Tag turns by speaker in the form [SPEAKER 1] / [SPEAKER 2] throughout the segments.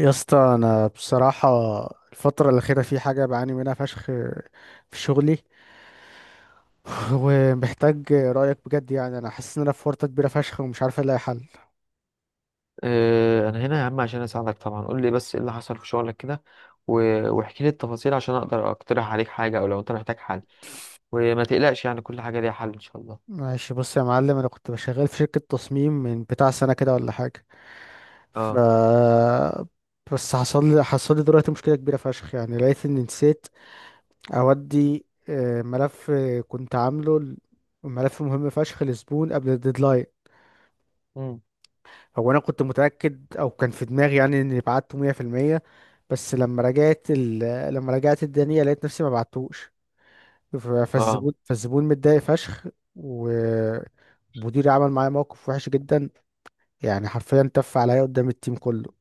[SPEAKER 1] يا اسطى انا بصراحه الفتره الاخيره في حاجه بعاني منها فشخ في شغلي. ومحتاج رايك بجد، يعني انا حاسس ان انا في ورطه كبيره فشخ ومش عارف الاقي حل.
[SPEAKER 2] انا هنا يا عم عشان اساعدك طبعا، قول لي بس ايه اللي حصل في شغلك كده. و- واحكي لي التفاصيل عشان اقدر اقترح عليك حاجه او لو انت محتاج حل. وما تقلقش، يعني كل حاجه ليها حل ان شاء الله.
[SPEAKER 1] ماشي، بص يا معلم، انا كنت شغال في شركه تصميم من بتاع سنه كده ولا حاجه. ف
[SPEAKER 2] اه.
[SPEAKER 1] بس حصل لي دلوقتي مشكله كبيره فشخ، يعني لقيت اني نسيت اودي، ملف كنت عامله، ملف مهم فشخ لزبون قبل الديدلاين.
[SPEAKER 2] مم.
[SPEAKER 1] هو انا كنت متاكد او كان في دماغي يعني اني بعته 100%. بس لما رجعت لما رجعت الدنيا لقيت نفسي ما بعتوش. ف-
[SPEAKER 2] اه.
[SPEAKER 1] فالزبون متضايق فشخ، ومديري عمل معايا موقف وحش جدا. يعني حرفيا تف عليا قدام التيم كله،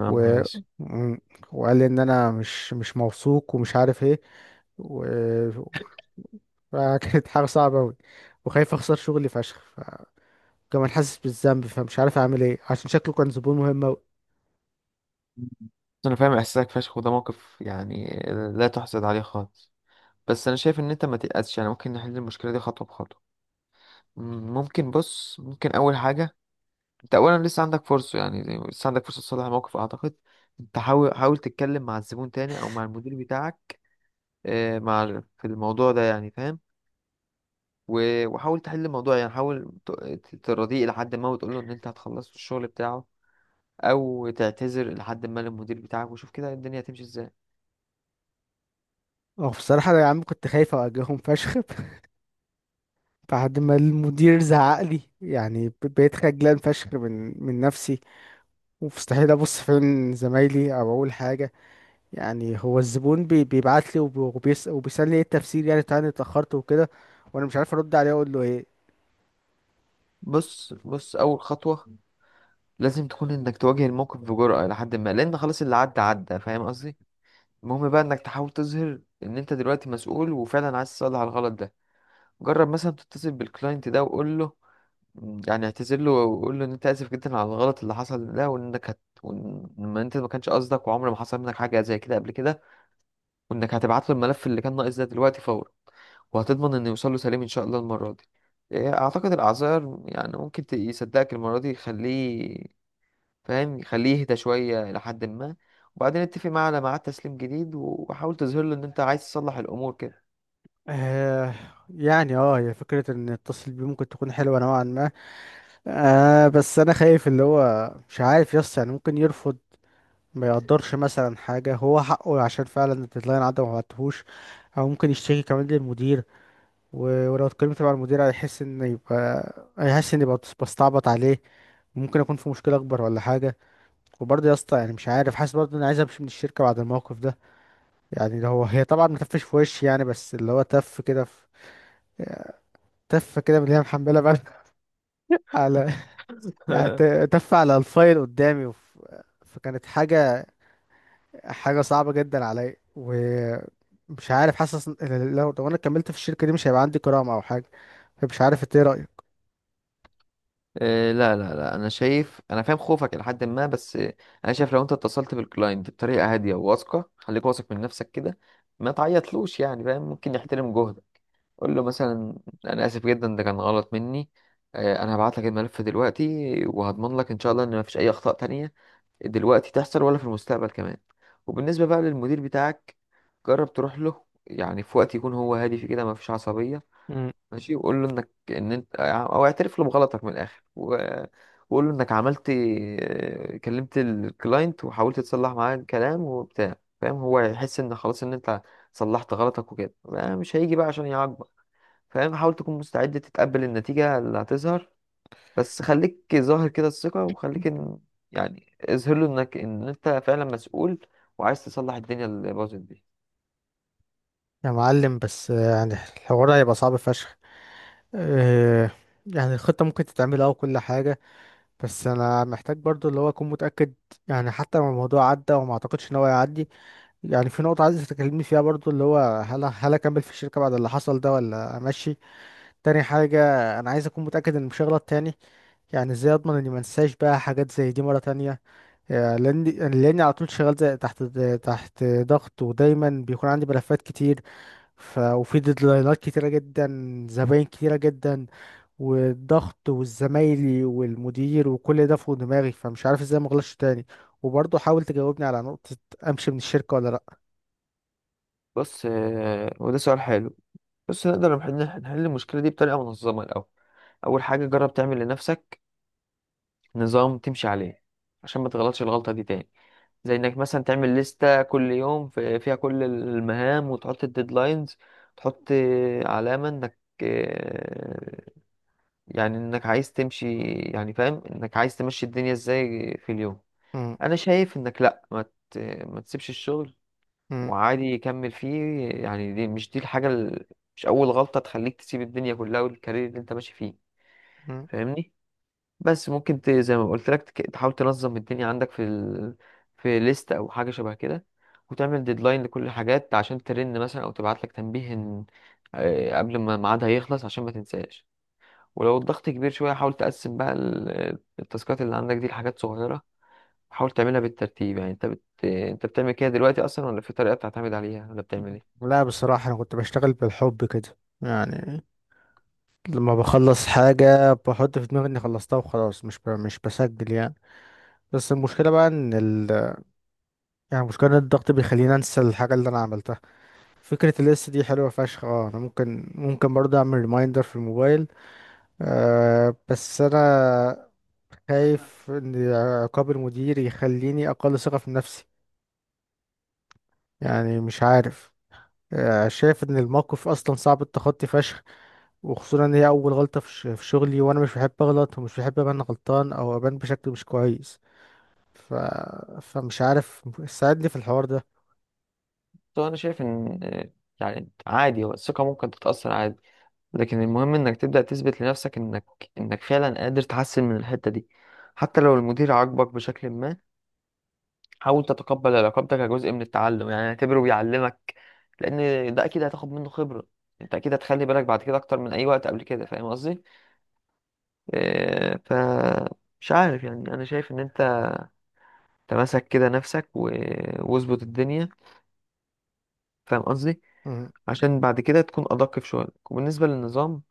[SPEAKER 2] يا
[SPEAKER 1] و...
[SPEAKER 2] نهار اسود.
[SPEAKER 1] م- وقال لي ان انا مش موثوق ومش عارف ايه، و... فكانت حاجه صعبه قوي، وخايف اخسر شغلي فشخ، فكمان حاسس بالذنب، فمش عارف اعمل ايه، عشان شكله كان زبون مهم.
[SPEAKER 2] مم. انا فاهم احساسك فشخ، وده موقف يعني لا تحسد عليه خالص. بس انا شايف ان انت ما تقلقش، يعني ممكن نحل المشكله دي خطوه بخطوه. ممكن، بص، ممكن اول حاجه انت اولا لسه عندك فرصه، يعني لسه عندك فرصه تصلح الموقف اعتقد. انت حاول، تتكلم مع الزبون تاني او مع المدير بتاعك. مع في الموضوع ده يعني، فاهم؟ و- وحاول تحل الموضوع، يعني حاول تراضيه لحد ما، وتقول له ان انت هتخلص الشغل بتاعه، او تعتذر لحد ما للمدير بتاعك، وشوف كده الدنيا هتمشي ازاي.
[SPEAKER 1] اه بصراحة يا عم، كنت خايف أواجههم فشخ. بعد ما المدير زعق لي يعني، بقيت خجلان فشخ من نفسي، ومستحيل أبص في عين زمايلي أو أقول حاجة. يعني هو الزبون بيبعت لي وبيسألني إيه التفسير يعني بتاع إني اتأخرت وكده، وأنا مش عارف أرد عليه أقول له إيه.
[SPEAKER 2] بص، اول خطوة لازم تكون انك تواجه الموقف بجرأة لحد ما، لان خلاص اللي عدى عدى، فاهم قصدي؟ المهم بقى انك تحاول تظهر ان انت دلوقتي مسؤول وفعلا عايز تصلح الغلط ده. جرب مثلا تتصل بالكلاينت ده وقول له، يعني اعتذر له وقول له ان انت اسف جدا على الغلط اللي حصل ده، وانك وان انت ما كانش قصدك، وعمر ما حصل منك حاجه زي كده قبل كده، وانك هتبعت له الملف اللي كان ناقص ده دلوقتي فورا، وهتضمن انه يوصل له سليم ان شاء الله المره دي. اعتقد الاعذار يعني ممكن يصدقك المره دي، يخليه فاهم، يخليه يهدى شويه الى حد ما. وبعدين اتفق معاه على ميعاد تسليم جديد، وحاول تظهر له ان انت عايز تصلح الامور كده.
[SPEAKER 1] آه، يعني اه هي فكرة إن أتصل بيه ممكن تكون حلوة نوعا ما. آه بس أنا خايف اللي هو مش عارف يس يعني ممكن يرفض، ما يقدرش مثلا حاجة هو حقه، عشان فعلا الديدلاين عدى وما بعتهوش. أو ممكن يشتكي كمان للمدير. ولو اتكلمت مع المدير هيحس إن يبقى بستعبط عليه، ممكن أكون في مشكلة أكبر ولا حاجة. وبرضه يا اسطى يعني مش عارف، حاسس برضه إني عايز أمشي من الشركة بعد الموقف ده. يعني ده هو هي طبعا متفش في وشي يعني، بس اللي هو تف كده في، تف كده من اللي هي محملة بقى. على، يعني تف على الفايل قدامي، فكانت حاجة صعبة جدا عليا، ومش عارف، حاسس إن لو انا كملت في الشركة دي مش هيبقى عندي كرامة او حاجة. فمش عارف انت ايه رأيك؟
[SPEAKER 2] لا لا لا، انا شايف، انا فاهم خوفك الى حد ما، بس انا شايف لو انت اتصلت بالكلاينت بطريقه هاديه وواثقه، خليك واثق من نفسك كده، ما تعيطلوش، يعني فاهم، ممكن يحترم جهدك. قول له مثلا: انا اسف جدا، ده كان غلط مني، انا هبعت لك الملف دلوقتي، وهضمن لك ان شاء الله ان ما فيش اي اخطاء تانية دلوقتي تحصل ولا في المستقبل كمان. وبالنسبه بقى للمدير بتاعك، جرب تروح له، يعني في وقت يكون هو هادي في كده، ما فيش عصبيه،
[SPEAKER 1] مم.
[SPEAKER 2] ماشي. وقول له انك، ان انت او اعترف له بغلطك من الاخر، و... وقول له انك عملت، كلمت الكلاينت وحاولت تصلح معاه الكلام وبتاع، فاهم. هو هيحس ان خلاص ان انت صلحت غلطك، وكده بقى مش هيجي بقى عشان يعاقبك، فاهم. حاول تكون مستعد تتقبل النتيجة اللي هتظهر، بس خليك ظاهر كده الثقة، وخليك ان، يعني اظهر له انك ان انت فعلا مسؤول وعايز تصلح الدنيا اللي باظت دي.
[SPEAKER 1] يا معلم بس يعني الحوار هيبقى صعب فشخ. آه، يعني الخطة ممكن تتعمل اه وكل حاجة، بس انا محتاج برضو اللي هو اكون متأكد. يعني حتى لو الموضوع عدى، وما اعتقدش ان هو يعدي، يعني في نقطة عايز تكلمني فيها برضو اللي هو، هل اكمل في الشركة بعد اللي حصل ده ولا امشي؟ تاني حاجة، انا عايز اكون متأكد ان مش هغلط تاني، يعني ازاي اضمن اني ما انساش بقى حاجات زي دي مرة تانية؟ آه، لاني على طول شغال زي تحت، تحت ضغط ودايما بيكون عندي ملفات كتير، وفي ديدلاينات كتيرة جدا، زباين كتيرة جدا، والضغط والزمايلي والمدير وكل ده فوق دماغي، فمش عارف ازاي ما اغلطش تاني. وبرضه حاول تجاوبني على نقطة، امشي من الشركة ولا لا؟
[SPEAKER 2] بص، وده سؤال حلو. بص، نقدر نحل، المشكلة دي بطريقة منظمة الأول. اول حاجه جرب تعمل لنفسك نظام تمشي عليه عشان ما تغلطش الغلطه دي تاني. زي انك مثلا تعمل لستة كل يوم فيها كل المهام، وتحط الديدلاينز، تحط علامة انك آه، يعني انك عايز تمشي، يعني فاهم انك عايز تمشي الدنيا ازاي في اليوم.
[SPEAKER 1] م-
[SPEAKER 2] انا شايف انك لا، ت- ما تسيبش الشغل،
[SPEAKER 1] م-
[SPEAKER 2] وعادي يكمل فيه، يعني دي مش، دي الحاجة مش اول غلطة تخليك تسيب الدنيا كلها والكارير اللي انت ماشي فيه،
[SPEAKER 1] م-
[SPEAKER 2] فاهمني؟ بس ممكن زي ما قلت لك تحاول تنظم الدنيا عندك في في ليست او حاجه شبه كده، وتعمل ديدلاين لكل الحاجات عشان ترن مثلا او تبعت لك تنبيه قبل ما ميعادها يخلص عشان ما تنساش. ولو الضغط كبير شويه، حاول تقسم بقى التاسكات اللي عندك دي لحاجات صغيره، حاول تعملها بالترتيب. يعني انت انت بتعمل كده دلوقتي اصلا، ولا في طريقه بتعتمد عليها، ولا بتعمل ايه؟
[SPEAKER 1] لا بصراحة انا كنت بشتغل بالحب كده. يعني لما بخلص حاجة بحط في دماغي اني خلصتها وخلاص، مش بسجل يعني. بس المشكلة بقى يعني المشكلة ان الضغط بيخليني انسى الحاجة اللي انا عملتها. فكرة الليست دي حلوة فشخ، اه انا ممكن برضه اعمل ريمايندر في الموبايل. آه بس انا خايف ان عقاب المدير يخليني اقل ثقة في نفسي، يعني مش عارف. آه شايف ان الموقف اصلا صعب التخطي فشخ، وخصوصا ان هي اول غلطه في شغلي، وانا مش بحب اغلط ومش بحب ابان غلطان او ابان بشكل مش كويس. ف... فمش عارف، ساعدني في الحوار ده.
[SPEAKER 2] طبعا انا شايف ان يعني عادي، هو الثقه ممكن تتاثر عادي، لكن المهم انك تبدأ تثبت لنفسك انك فعلا قادر تحسن من الحتة دي. حتى لو المدير عاقبك بشكل ما، حاول تتقبل علاقتك كجزء من التعلم، يعني اعتبره بيعلمك، لان ده اكيد هتاخد منه خبرة. انت اكيد هتخلي بالك بعد كده اكتر من اي وقت قبل كده، فاهم قصدي؟ ف مش عارف، يعني انا شايف ان انت تمسك كده نفسك و... واظبط الدنيا، فاهم قصدي،
[SPEAKER 1] مم.
[SPEAKER 2] عشان بعد كده تكون ادق في شغلك. وبالنسبة للنظام،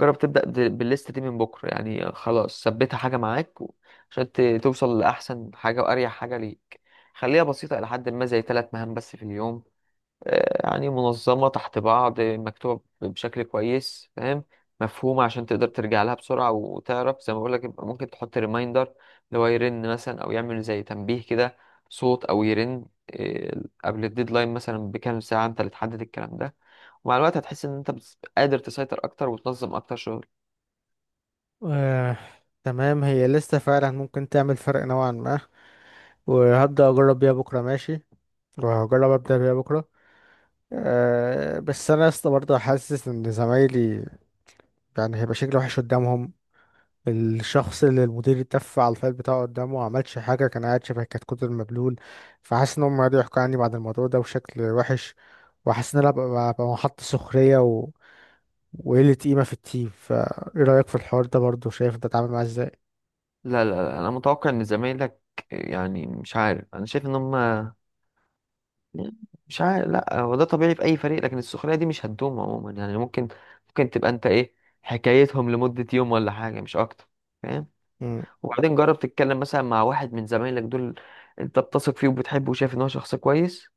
[SPEAKER 2] جرب تبدأ بالليست دي من بكرة، يعني خلاص ثبتها حاجة معاك، و- عشان توصل لأحسن حاجة وأريح حاجة ليك. خليها بسيطة إلى حد ما، زي ثلاث مهام بس في اليوم، يعني منظمة تحت بعض، مكتوبة بشكل كويس، فاهم، مفهومة، عشان تقدر ترجع لها بسرعة وتعرف. زي ما بقولك، يبقى ممكن تحط ريمايندر، اللي هو يرن مثلا أو يعمل زي تنبيه كده، صوت أو يرن قبل الديدلاين مثلا بكام ساعة، أنت اللي تحدد الكلام ده. ومع الوقت هتحس ان انت قادر تسيطر اكتر وتنظم اكتر.
[SPEAKER 1] آه. تمام، هي لسه فعلا ممكن تعمل فرق نوعا ما، وهبدأ أجرب بيها بكرة. ماشي، وهجرب أبدأ بيها بكرة. أه بس أنا لسه برضه حاسس إن زمايلي، يعني هيبقى شكلي وحش قدامهم. الشخص اللي المدير اتف على الفايل بتاعه قدامه وعملش حاجة كان قاعد شبه كتكوت المبلول، فحاسس ان هم قعدوا يحكوا عني بعد الموضوع ده بشكل وحش، وحاسس ان انا ببقى محط سخرية وقلة قيمة في التيم. فايه رأيك في الحوار ده برضه؟ شايف انت اتعامل معاه ازاي؟
[SPEAKER 2] لا لا لا، انا متوقع ان زمايلك، يعني مش عارف، انا شايف ان هم، مش عارف، لا هو ده طبيعي في اي فريق، لكن السخريه دي مش هتدوم عموما، يعني ممكن، تبقى انت ايه، حكايتهم لمده يوم ولا حاجه مش اكتر، فاهم.
[SPEAKER 1] مم.
[SPEAKER 2] وبعدين جرب تتكلم مثلا مع واحد من زمايلك دول انت بتثق فيه وبتحبه وشايف ان هو شخص كويس،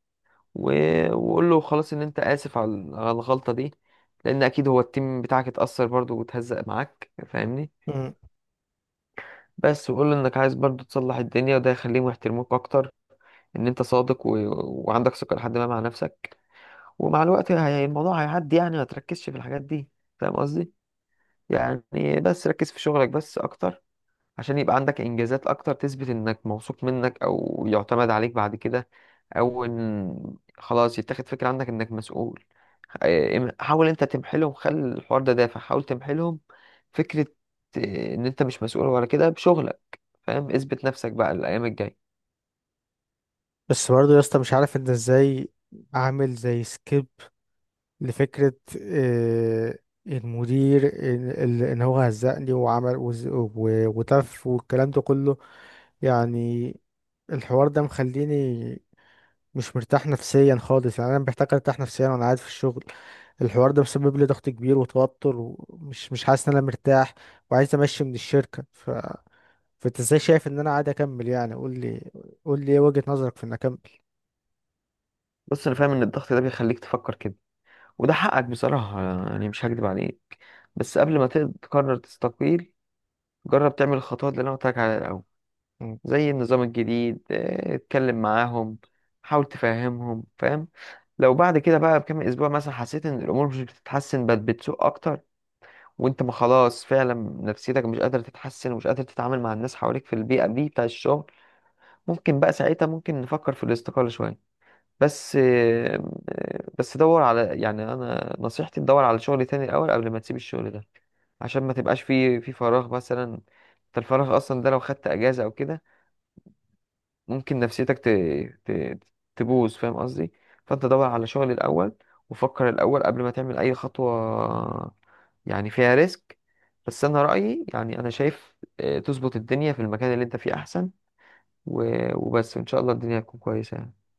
[SPEAKER 2] و... وقول له خلاص ان انت اسف على الغلطه دي، لان اكيد هو التيم بتاعك اتاثر برضه وتهزق معاك، فاهمني؟
[SPEAKER 1] مم.
[SPEAKER 2] بس وقول له انك عايز برضه تصلح الدنيا، وده يخليهم يحترموك اكتر، ان انت صادق و... وعندك ثقة لحد ما مع نفسك. ومع الوقت الموضوع هيعدي، يعني ما تركزش في الحاجات دي، فاهم قصدي؟ يعني بس ركز في شغلك بس اكتر، عشان يبقى عندك انجازات اكتر تثبت انك موثوق منك، او يعتمد عليك بعد كده، او ان خلاص يتاخد فكرة عندك انك مسؤول. حاول انت تمحلهم، خلي الحوار ده دافع، حاول تمحلهم فكرة ان انت مش مسؤول ولا كده بشغلك، فاهم. اثبت نفسك بقى الايام الجاية.
[SPEAKER 1] بس برضه يا اسطى مش عارف انت ازاي اعمل زي سكيب لفكرة، آه، المدير، إن هو هزقني وتف والكلام ده كله. يعني الحوار ده مخليني مش مرتاح نفسيا خالص، يعني أنا محتاج أرتاح نفسيا وأنا قاعد في الشغل. الحوار ده مسبب لي ضغط كبير وتوتر، ومش مش حاسس إن أنا مرتاح، وعايز أمشي من الشركة. فأنت إزاي شايف إن أنا قاعد أكمل؟ يعني قول لي، قول لي إيه وجهة نظرك في إن أكمل؟
[SPEAKER 2] بص، انا فاهم ان الضغط ده بيخليك تفكر كده، وده حقك بصراحة، يعني مش هكدب عليك، بس قبل ما تقرر تستقيل، جرب تعمل الخطوات اللي أنا قلت لك عليها الأول، زي النظام الجديد. اه، اتكلم معاهم، حاول تفهمهم، فاهم. لو بعد كده بقى بكام أسبوع مثلا حسيت إن الأمور مش بتتحسن بل بتسوء أكتر، وأنت ما خلاص فعلا نفسيتك مش قادر تتحسن، ومش قادر تتعامل مع الناس حواليك في البيئة دي بتاع الشغل، ممكن بقى ساعتها، نفكر في الاستقالة شوية. بس، دور على، يعني انا نصيحتي تدور على شغل تاني الاول قبل ما تسيب الشغل ده، عشان ما تبقاش في فراغ. مثلا انت الفراغ اصلا ده لو خدت اجازه او كده، ممكن نفسيتك ت... تبوظ، فاهم قصدي؟ فانت دور على شغل الاول، وفكر الاول قبل ما تعمل اي خطوه يعني فيها ريسك. بس انا رايي، يعني انا شايف تظبط الدنيا في المكان اللي انت فيه احسن، و... وبس ان شاء الله الدنيا هتكون كويسه يعني.